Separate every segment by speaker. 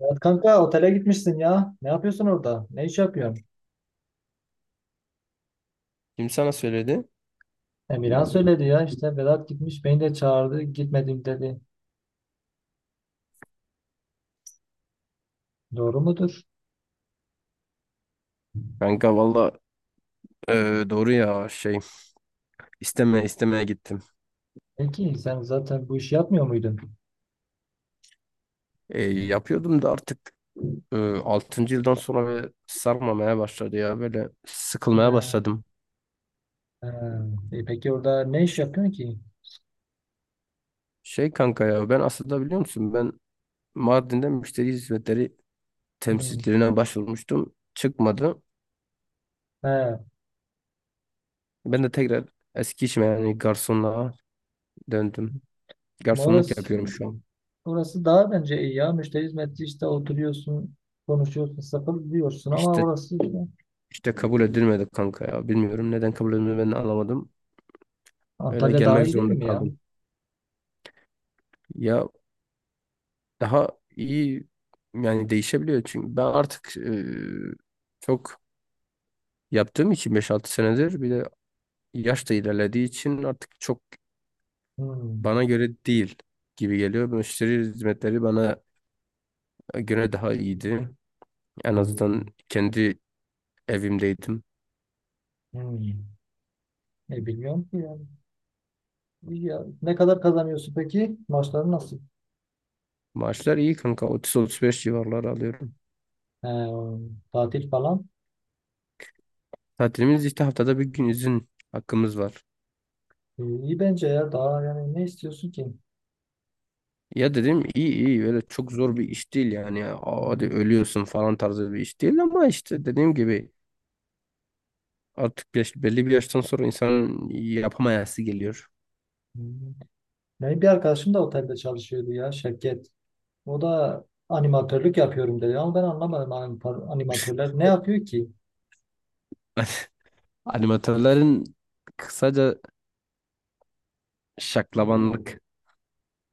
Speaker 1: Vedat kanka otele gitmişsin ya. Ne yapıyorsun orada? Ne iş yapıyorsun?
Speaker 2: Kim sana söyledi?
Speaker 1: Emirhan söyledi ya işte Vedat gitmiş beni de çağırdı gitmedim dedi. Doğru mudur?
Speaker 2: Kanka valla, doğru ya. İstemeye istemeye gittim.
Speaker 1: Peki sen zaten bu işi yapmıyor muydun?
Speaker 2: Yapıyordum da artık 6. yıldan sonra böyle sarmamaya başladı ya, böyle sıkılmaya
Speaker 1: He,
Speaker 2: başladım.
Speaker 1: he. Peki orada ne iş yapıyorsun ki?
Speaker 2: Şey kanka ya, ben aslında biliyor musun, ben Mardin'de müşteri hizmetleri
Speaker 1: Hmm.
Speaker 2: temsilcilerine başvurmuştum. Çıkmadı.
Speaker 1: He.
Speaker 2: Ben de tekrar eski işime, yani garsonluğa döndüm.
Speaker 1: Ama
Speaker 2: Garsonluk
Speaker 1: Orası,
Speaker 2: yapıyorum şu an.
Speaker 1: orası daha bence iyi ya. Müşteri hizmetçi işte oturuyorsun, konuşuyorsun, sakın diyorsun ama
Speaker 2: İşte
Speaker 1: orası işte-
Speaker 2: işte kabul edilmedi kanka ya. Bilmiyorum neden kabul edilmedi, ben de anlamadım. Öyle
Speaker 1: Antalya daha
Speaker 2: gelmek
Speaker 1: iyi değil
Speaker 2: zorunda
Speaker 1: mi ya?
Speaker 2: kaldım. Ya daha iyi yani, değişebiliyor çünkü ben artık çok yaptığım için, beş altı senedir, bir de yaş da ilerlediği için artık çok
Speaker 1: Hmm.
Speaker 2: bana göre değil gibi geliyor. Müşteri hizmetleri bana göre daha iyiydi. En azından kendi evimdeydim.
Speaker 1: Hmm. Bilmiyorum ki ya. Ya, ne kadar kazanıyorsun peki? Maçları nasıl?
Speaker 2: Maaşlar iyi kanka, 30-35 civarları alıyorum.
Speaker 1: Ee, tatil falan.
Speaker 2: Tatilimiz işte haftada bir gün izin hakkımız var.
Speaker 1: İyi bence ya. Daha yani ne istiyorsun ki?
Speaker 2: Ya dedim iyi iyi, böyle çok zor bir iş değil yani ya. Aa, hadi
Speaker 1: Hmm,
Speaker 2: ölüyorsun falan tarzı bir iş değil ama işte dediğim gibi artık yaş-, belli bir yaştan sonra insanın yapamayası geliyor.
Speaker 1: hmm. Benim bir arkadaşım da otelde çalışıyordu ya Şevket. O da animatörlük yapıyorum dedi ama ben anlamadım animatörler ne yapıyor ki?
Speaker 2: Animatörlerin kısaca şaklabanlık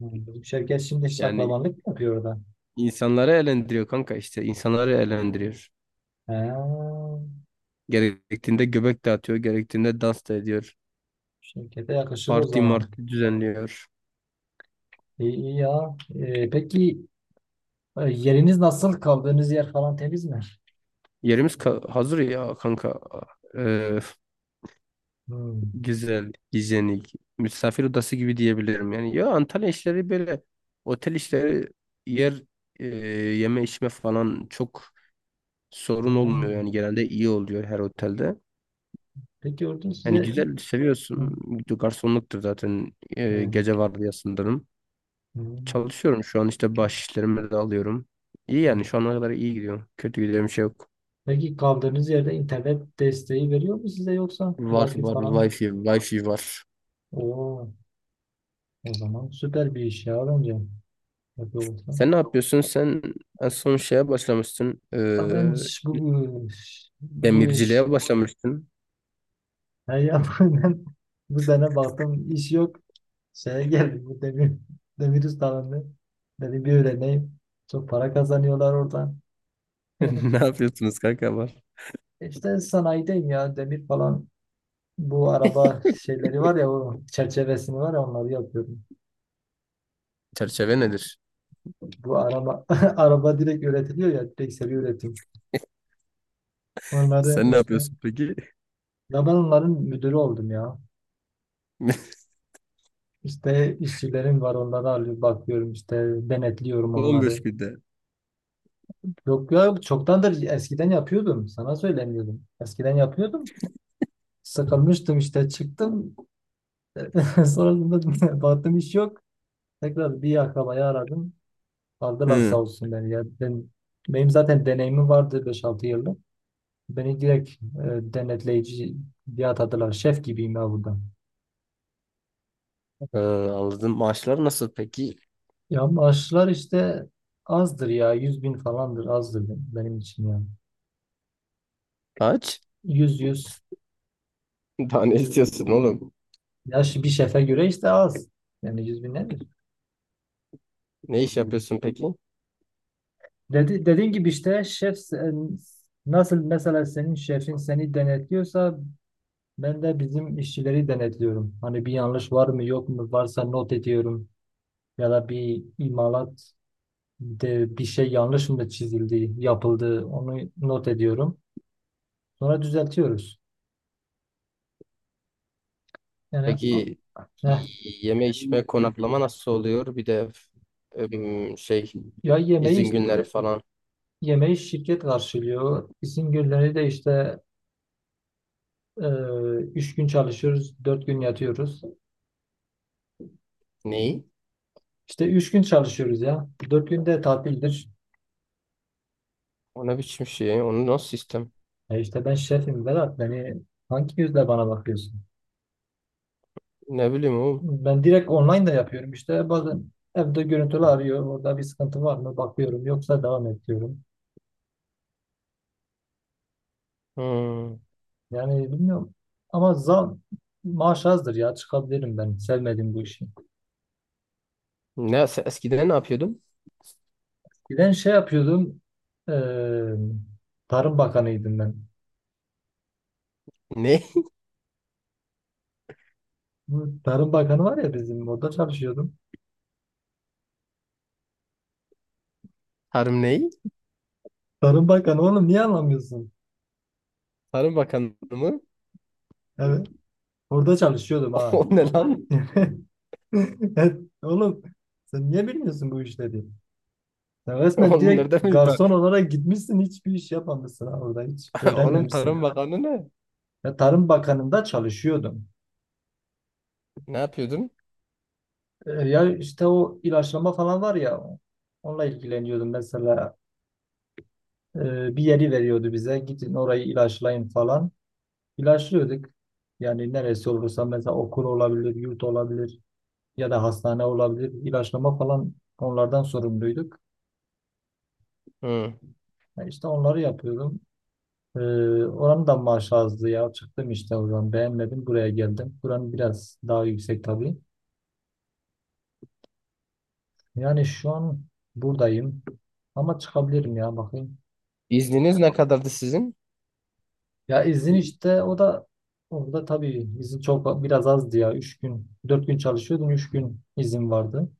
Speaker 1: Hmm, bizim Şevket şimdi
Speaker 2: yani,
Speaker 1: şaklabanlık yapıyor orada.
Speaker 2: insanları eğlendiriyor kanka, işte insanları eğlendiriyor.
Speaker 1: He,
Speaker 2: Gerektiğinde göbek dağıtıyor, gerektiğinde dans da ediyor.
Speaker 1: Şevket'e yakışır o
Speaker 2: Parti
Speaker 1: zaman.
Speaker 2: marti düzenliyor.
Speaker 1: İyi, iyi ya. Peki yeriniz nasıl? Kaldığınız yer falan temiz mi?
Speaker 2: Yerimiz ka- hazır ya kanka. Ee,
Speaker 1: Hmm.
Speaker 2: Güzel, hijyenik, misafir odası gibi diyebilirim. Yani ya Antalya işleri böyle, otel işleri, yer, e, yeme içme falan çok sorun olmuyor.
Speaker 1: Hmm.
Speaker 2: Yani genelde iyi oluyor her otelde.
Speaker 1: Peki orada
Speaker 2: Yani
Speaker 1: size
Speaker 2: güzel,
Speaker 1: Hı,
Speaker 2: seviyorsun. Garsonluktur zaten,
Speaker 1: evet,
Speaker 2: gece vardiyasındayım.
Speaker 1: hı,
Speaker 2: Çalışıyorum şu an, işte baş işlerimi de alıyorum. İyi
Speaker 1: hı.
Speaker 2: yani, şu ana kadar iyi gidiyor. Kötü gidiyor bir şey yok.
Speaker 1: Peki kaldığınız yerde internet desteği veriyor mu size yoksa
Speaker 2: Var
Speaker 1: Wi-Fi
Speaker 2: var
Speaker 1: falan?
Speaker 2: wifi var.
Speaker 1: Oo, o zaman süper bir iş ya bence. Yapıyor olsa.
Speaker 2: Sen ne yapıyorsun? Sen en son şeye başlamıştın. E,
Speaker 1: Aa, ben bu iş
Speaker 2: demirciliğe başlamıştın.
Speaker 1: her yapılan bu sene baktım iş yok. Şeye geldim bu demir ustalarını. Dedim bir öğreneyim. Çok para kazanıyorlar oradan.
Speaker 2: Ne yapıyorsunuz kanka, var?
Speaker 1: İşte sanayideyim ya demir falan, bu araba şeyleri var ya o çerçevesini var ya onları yapıyorum.
Speaker 2: Çerçeve nedir?
Speaker 1: Bu araba araba direkt üretiliyor ya, direkt seri üretim. Onları
Speaker 2: Sen ne
Speaker 1: işte,
Speaker 2: yapıyorsun peki?
Speaker 1: ya ben onların müdürü oldum ya. İşte işçilerim var, onları alıp bakıyorum işte, denetliyorum onları.
Speaker 2: 15 günde.
Speaker 1: Yok ya, çoktandır eskiden yapıyordum sana söylemiyordum. Eskiden yapıyordum. Sıkılmıştım işte çıktım. Sonrasında baktım iş yok. Tekrar bir akrabayı aradım. Aldılar sağ
Speaker 2: Hı.
Speaker 1: olsun beni ya. Benim zaten deneyimim vardı 5-6 yıllık. Beni direkt denetleyici diye atadılar. Şef gibiyim ya burada.
Speaker 2: Anladım. Maaşlar nasıl peki?
Speaker 1: Ya maaşlar işte azdır ya. Yüz bin falandır, azdır benim için ya.
Speaker 2: Aç.
Speaker 1: Yüz yüz
Speaker 2: Daha ne istiyorsun oğlum?
Speaker 1: Ya bir şefe göre işte az. Yani 100 bin nedir?
Speaker 2: Ne iş yapıyorsun peki?
Speaker 1: Dedi, dediğin gibi işte şef nasıl mesela senin şefin seni denetliyorsa, ben de bizim işçileri denetliyorum. Hani bir yanlış var mı yok mu, varsa not ediyorum. Ya da bir imalat de bir şey yanlış mı çizildi, yapıldı, onu not ediyorum. Sonra düzeltiyoruz. Yani
Speaker 2: Peki
Speaker 1: heh.
Speaker 2: yeme içme konaklama nasıl oluyor? Bir de şey,
Speaker 1: Ya yemeği
Speaker 2: izin günleri
Speaker 1: işte,
Speaker 2: falan.
Speaker 1: yemeği şirket karşılıyor. İsim günleri de işte e, üç gün çalışıyoruz, dört gün yatıyoruz.
Speaker 2: Neyi?
Speaker 1: İşte üç gün çalışıyoruz ya. 4 günde tatildir.
Speaker 2: O ne biçim şey? Onu nasıl sistem?
Speaker 1: E işte ben şefim Vedat. Beni hangi yüzle bana bakıyorsun?
Speaker 2: Ne bileyim oğlum.
Speaker 1: Ben direkt online da yapıyorum işte. Bazen evde görüntülü arıyor. Orada bir sıkıntı var mı? Bakıyorum. Yoksa devam ediyorum.
Speaker 2: Hmm.
Speaker 1: Yani bilmiyorum. Ama zam maaş azdır ya, çıkabilirim ben. Sevmedim bu işi.
Speaker 2: Ne, sen eskiden ne yapıyordun?
Speaker 1: Bir de şey yapıyordum. eee, Tarım Bakanıydım ben.
Speaker 2: Ne?
Speaker 1: Bu Tarım Bakanı var ya, bizim orada çalışıyordum.
Speaker 2: Harım neyi?
Speaker 1: Tarım Bakanı oğlum, niye anlamıyorsun?
Speaker 2: Tarım Bakanı mı?
Speaker 1: Evet. Orada çalışıyordum ha.
Speaker 2: O ne lan?
Speaker 1: Evet, oğlum sen niye bilmiyorsun bu işleri? Sen resmen
Speaker 2: Oğlum
Speaker 1: direkt
Speaker 2: nerede mi? Tar
Speaker 1: garson olarak gitmişsin, hiçbir iş yapmamışsın ha, orada hiç
Speaker 2: Oğlum Tarım
Speaker 1: öğrenmemişsin.
Speaker 2: Bakanı ne?
Speaker 1: Ya Tarım Bakanı'nda çalışıyordum.
Speaker 2: Ne yapıyordun?
Speaker 1: Ya işte o ilaçlama falan var ya, onunla ilgileniyordum mesela. Bir yeri veriyordu bize, gidin orayı ilaçlayın falan. İlaçlıyorduk. Yani neresi olursa, mesela okul olabilir, yurt olabilir ya da hastane olabilir. İlaçlama falan, onlardan sorumluyduk.
Speaker 2: Hı.
Speaker 1: Yani işte onları yapıyordum. Ee, oranın da maaşı azdı ya. Çıktım işte oradan, beğenmedim, buraya geldim. Buranın biraz daha yüksek tabii. Yani şu an buradayım ama çıkabilirim ya, bakayım.
Speaker 2: İzniniz ne kadardı sizin?
Speaker 1: Ya izin işte, o da orada tabii izin çok biraz azdı ya. Üç gün, 4 gün çalışıyordum. Üç gün izin vardı.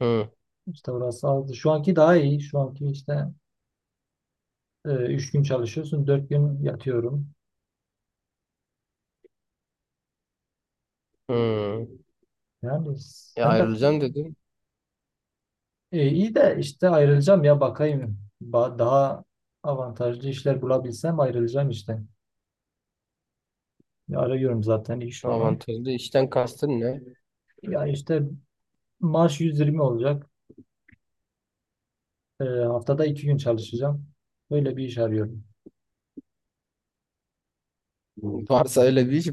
Speaker 2: Hı.
Speaker 1: İşte orası azdı. Şu anki daha iyi. Şu anki işte 3 gün çalışıyorsun. Dört gün yatıyorum.
Speaker 2: Hı.
Speaker 1: Yani
Speaker 2: E,
Speaker 1: sen de
Speaker 2: ayrılacağım dedim.
Speaker 1: iyi de işte ayrılacağım ya, bakayım. Daha avantajlı işler bulabilsem ayrılacağım işte. Ya arıyorum zaten iş falan.
Speaker 2: Avantajlı işten kastın ne?
Speaker 1: Ya işte maaş 120 olacak. Haftada 2 gün çalışacağım. Böyle bir iş arıyorum.
Speaker 2: Varsa öyle bir iş,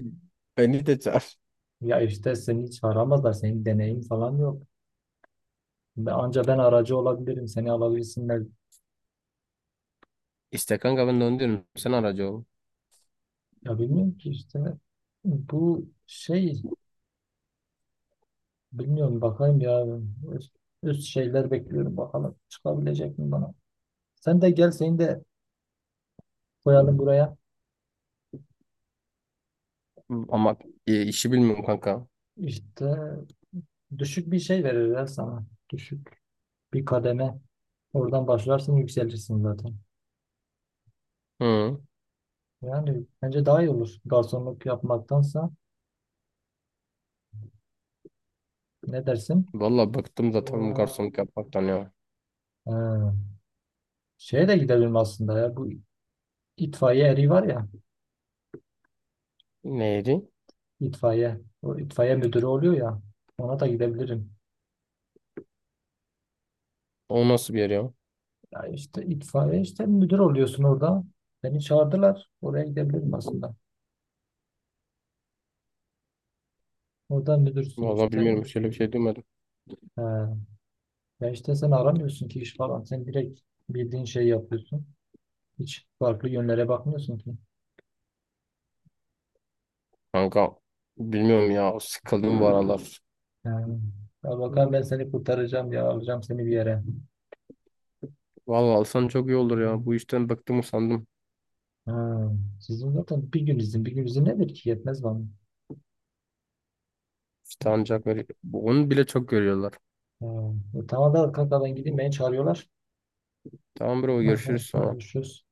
Speaker 2: beni de çağır.
Speaker 1: Ya işte seni hiç aramazlar, senin deneyim falan yok. Ben, anca ben aracı olabilirim. Seni alabilirsinler.
Speaker 2: İşte kanka, ben de onu diyorum. Sen aracı ol.
Speaker 1: Ya bilmiyorum ki işte. Bu şey, bilmiyorum, bakayım ya. Üst, üst şeyler bekliyorum, bakalım. Çıkabilecek mi bana? Sen de gel, seni de koyalım buraya.
Speaker 2: Ama işi bilmiyorum kanka.
Speaker 1: İşte düşük bir şey verirler sana. Düşük bir kademe. Oradan başlarsın, yükselirsin zaten.
Speaker 2: Hı.
Speaker 1: Yani bence daha iyi olur. Garsonluk yapmaktansa ne dersin?
Speaker 2: Valla bıktım zaten bu garsonluk yapmaktan ya.
Speaker 1: Ee, şeye de gidelim aslında ya. Bu İtfaiye eri var ya,
Speaker 2: Neydi?
Speaker 1: itfaiye. O itfaiye müdürü oluyor ya. Ona da gidebilirim.
Speaker 2: O nasıl bir yer ya?
Speaker 1: Ya işte itfaiye, işte müdür oluyorsun orada. Beni çağırdılar. Oraya gidebilirim aslında. Orada müdürsün
Speaker 2: Valla
Speaker 1: işte.
Speaker 2: bilmiyorum. Şöyle bir şey duymadım.
Speaker 1: He. Ya işte sen aramıyorsun ki iş falan. Sen direkt bildiğin şeyi yapıyorsun. Hiç farklı yönlere bakmıyorsun ki.
Speaker 2: Kanka bilmiyorum ya, sıkıldım bu aralar.
Speaker 1: He. Ya bakalım, ben seni kurtaracağım ya. Alacağım seni bir yere.
Speaker 2: Vallahi alsan çok iyi olur ya. Bu işten bıktım, usandım.
Speaker 1: He. Sizin zaten bir gün izin. Bir gün izin nedir ki? Yetmez bana.
Speaker 2: İşte ancak böyle- bu- onu bile çok görüyorlar.
Speaker 1: He. E tamam da kanka ben gideyim. Beni çağırıyorlar.
Speaker 2: Tamam bro, görüşürüz
Speaker 1: Aha,
Speaker 2: sonra.
Speaker 1: paylaşıyoruz.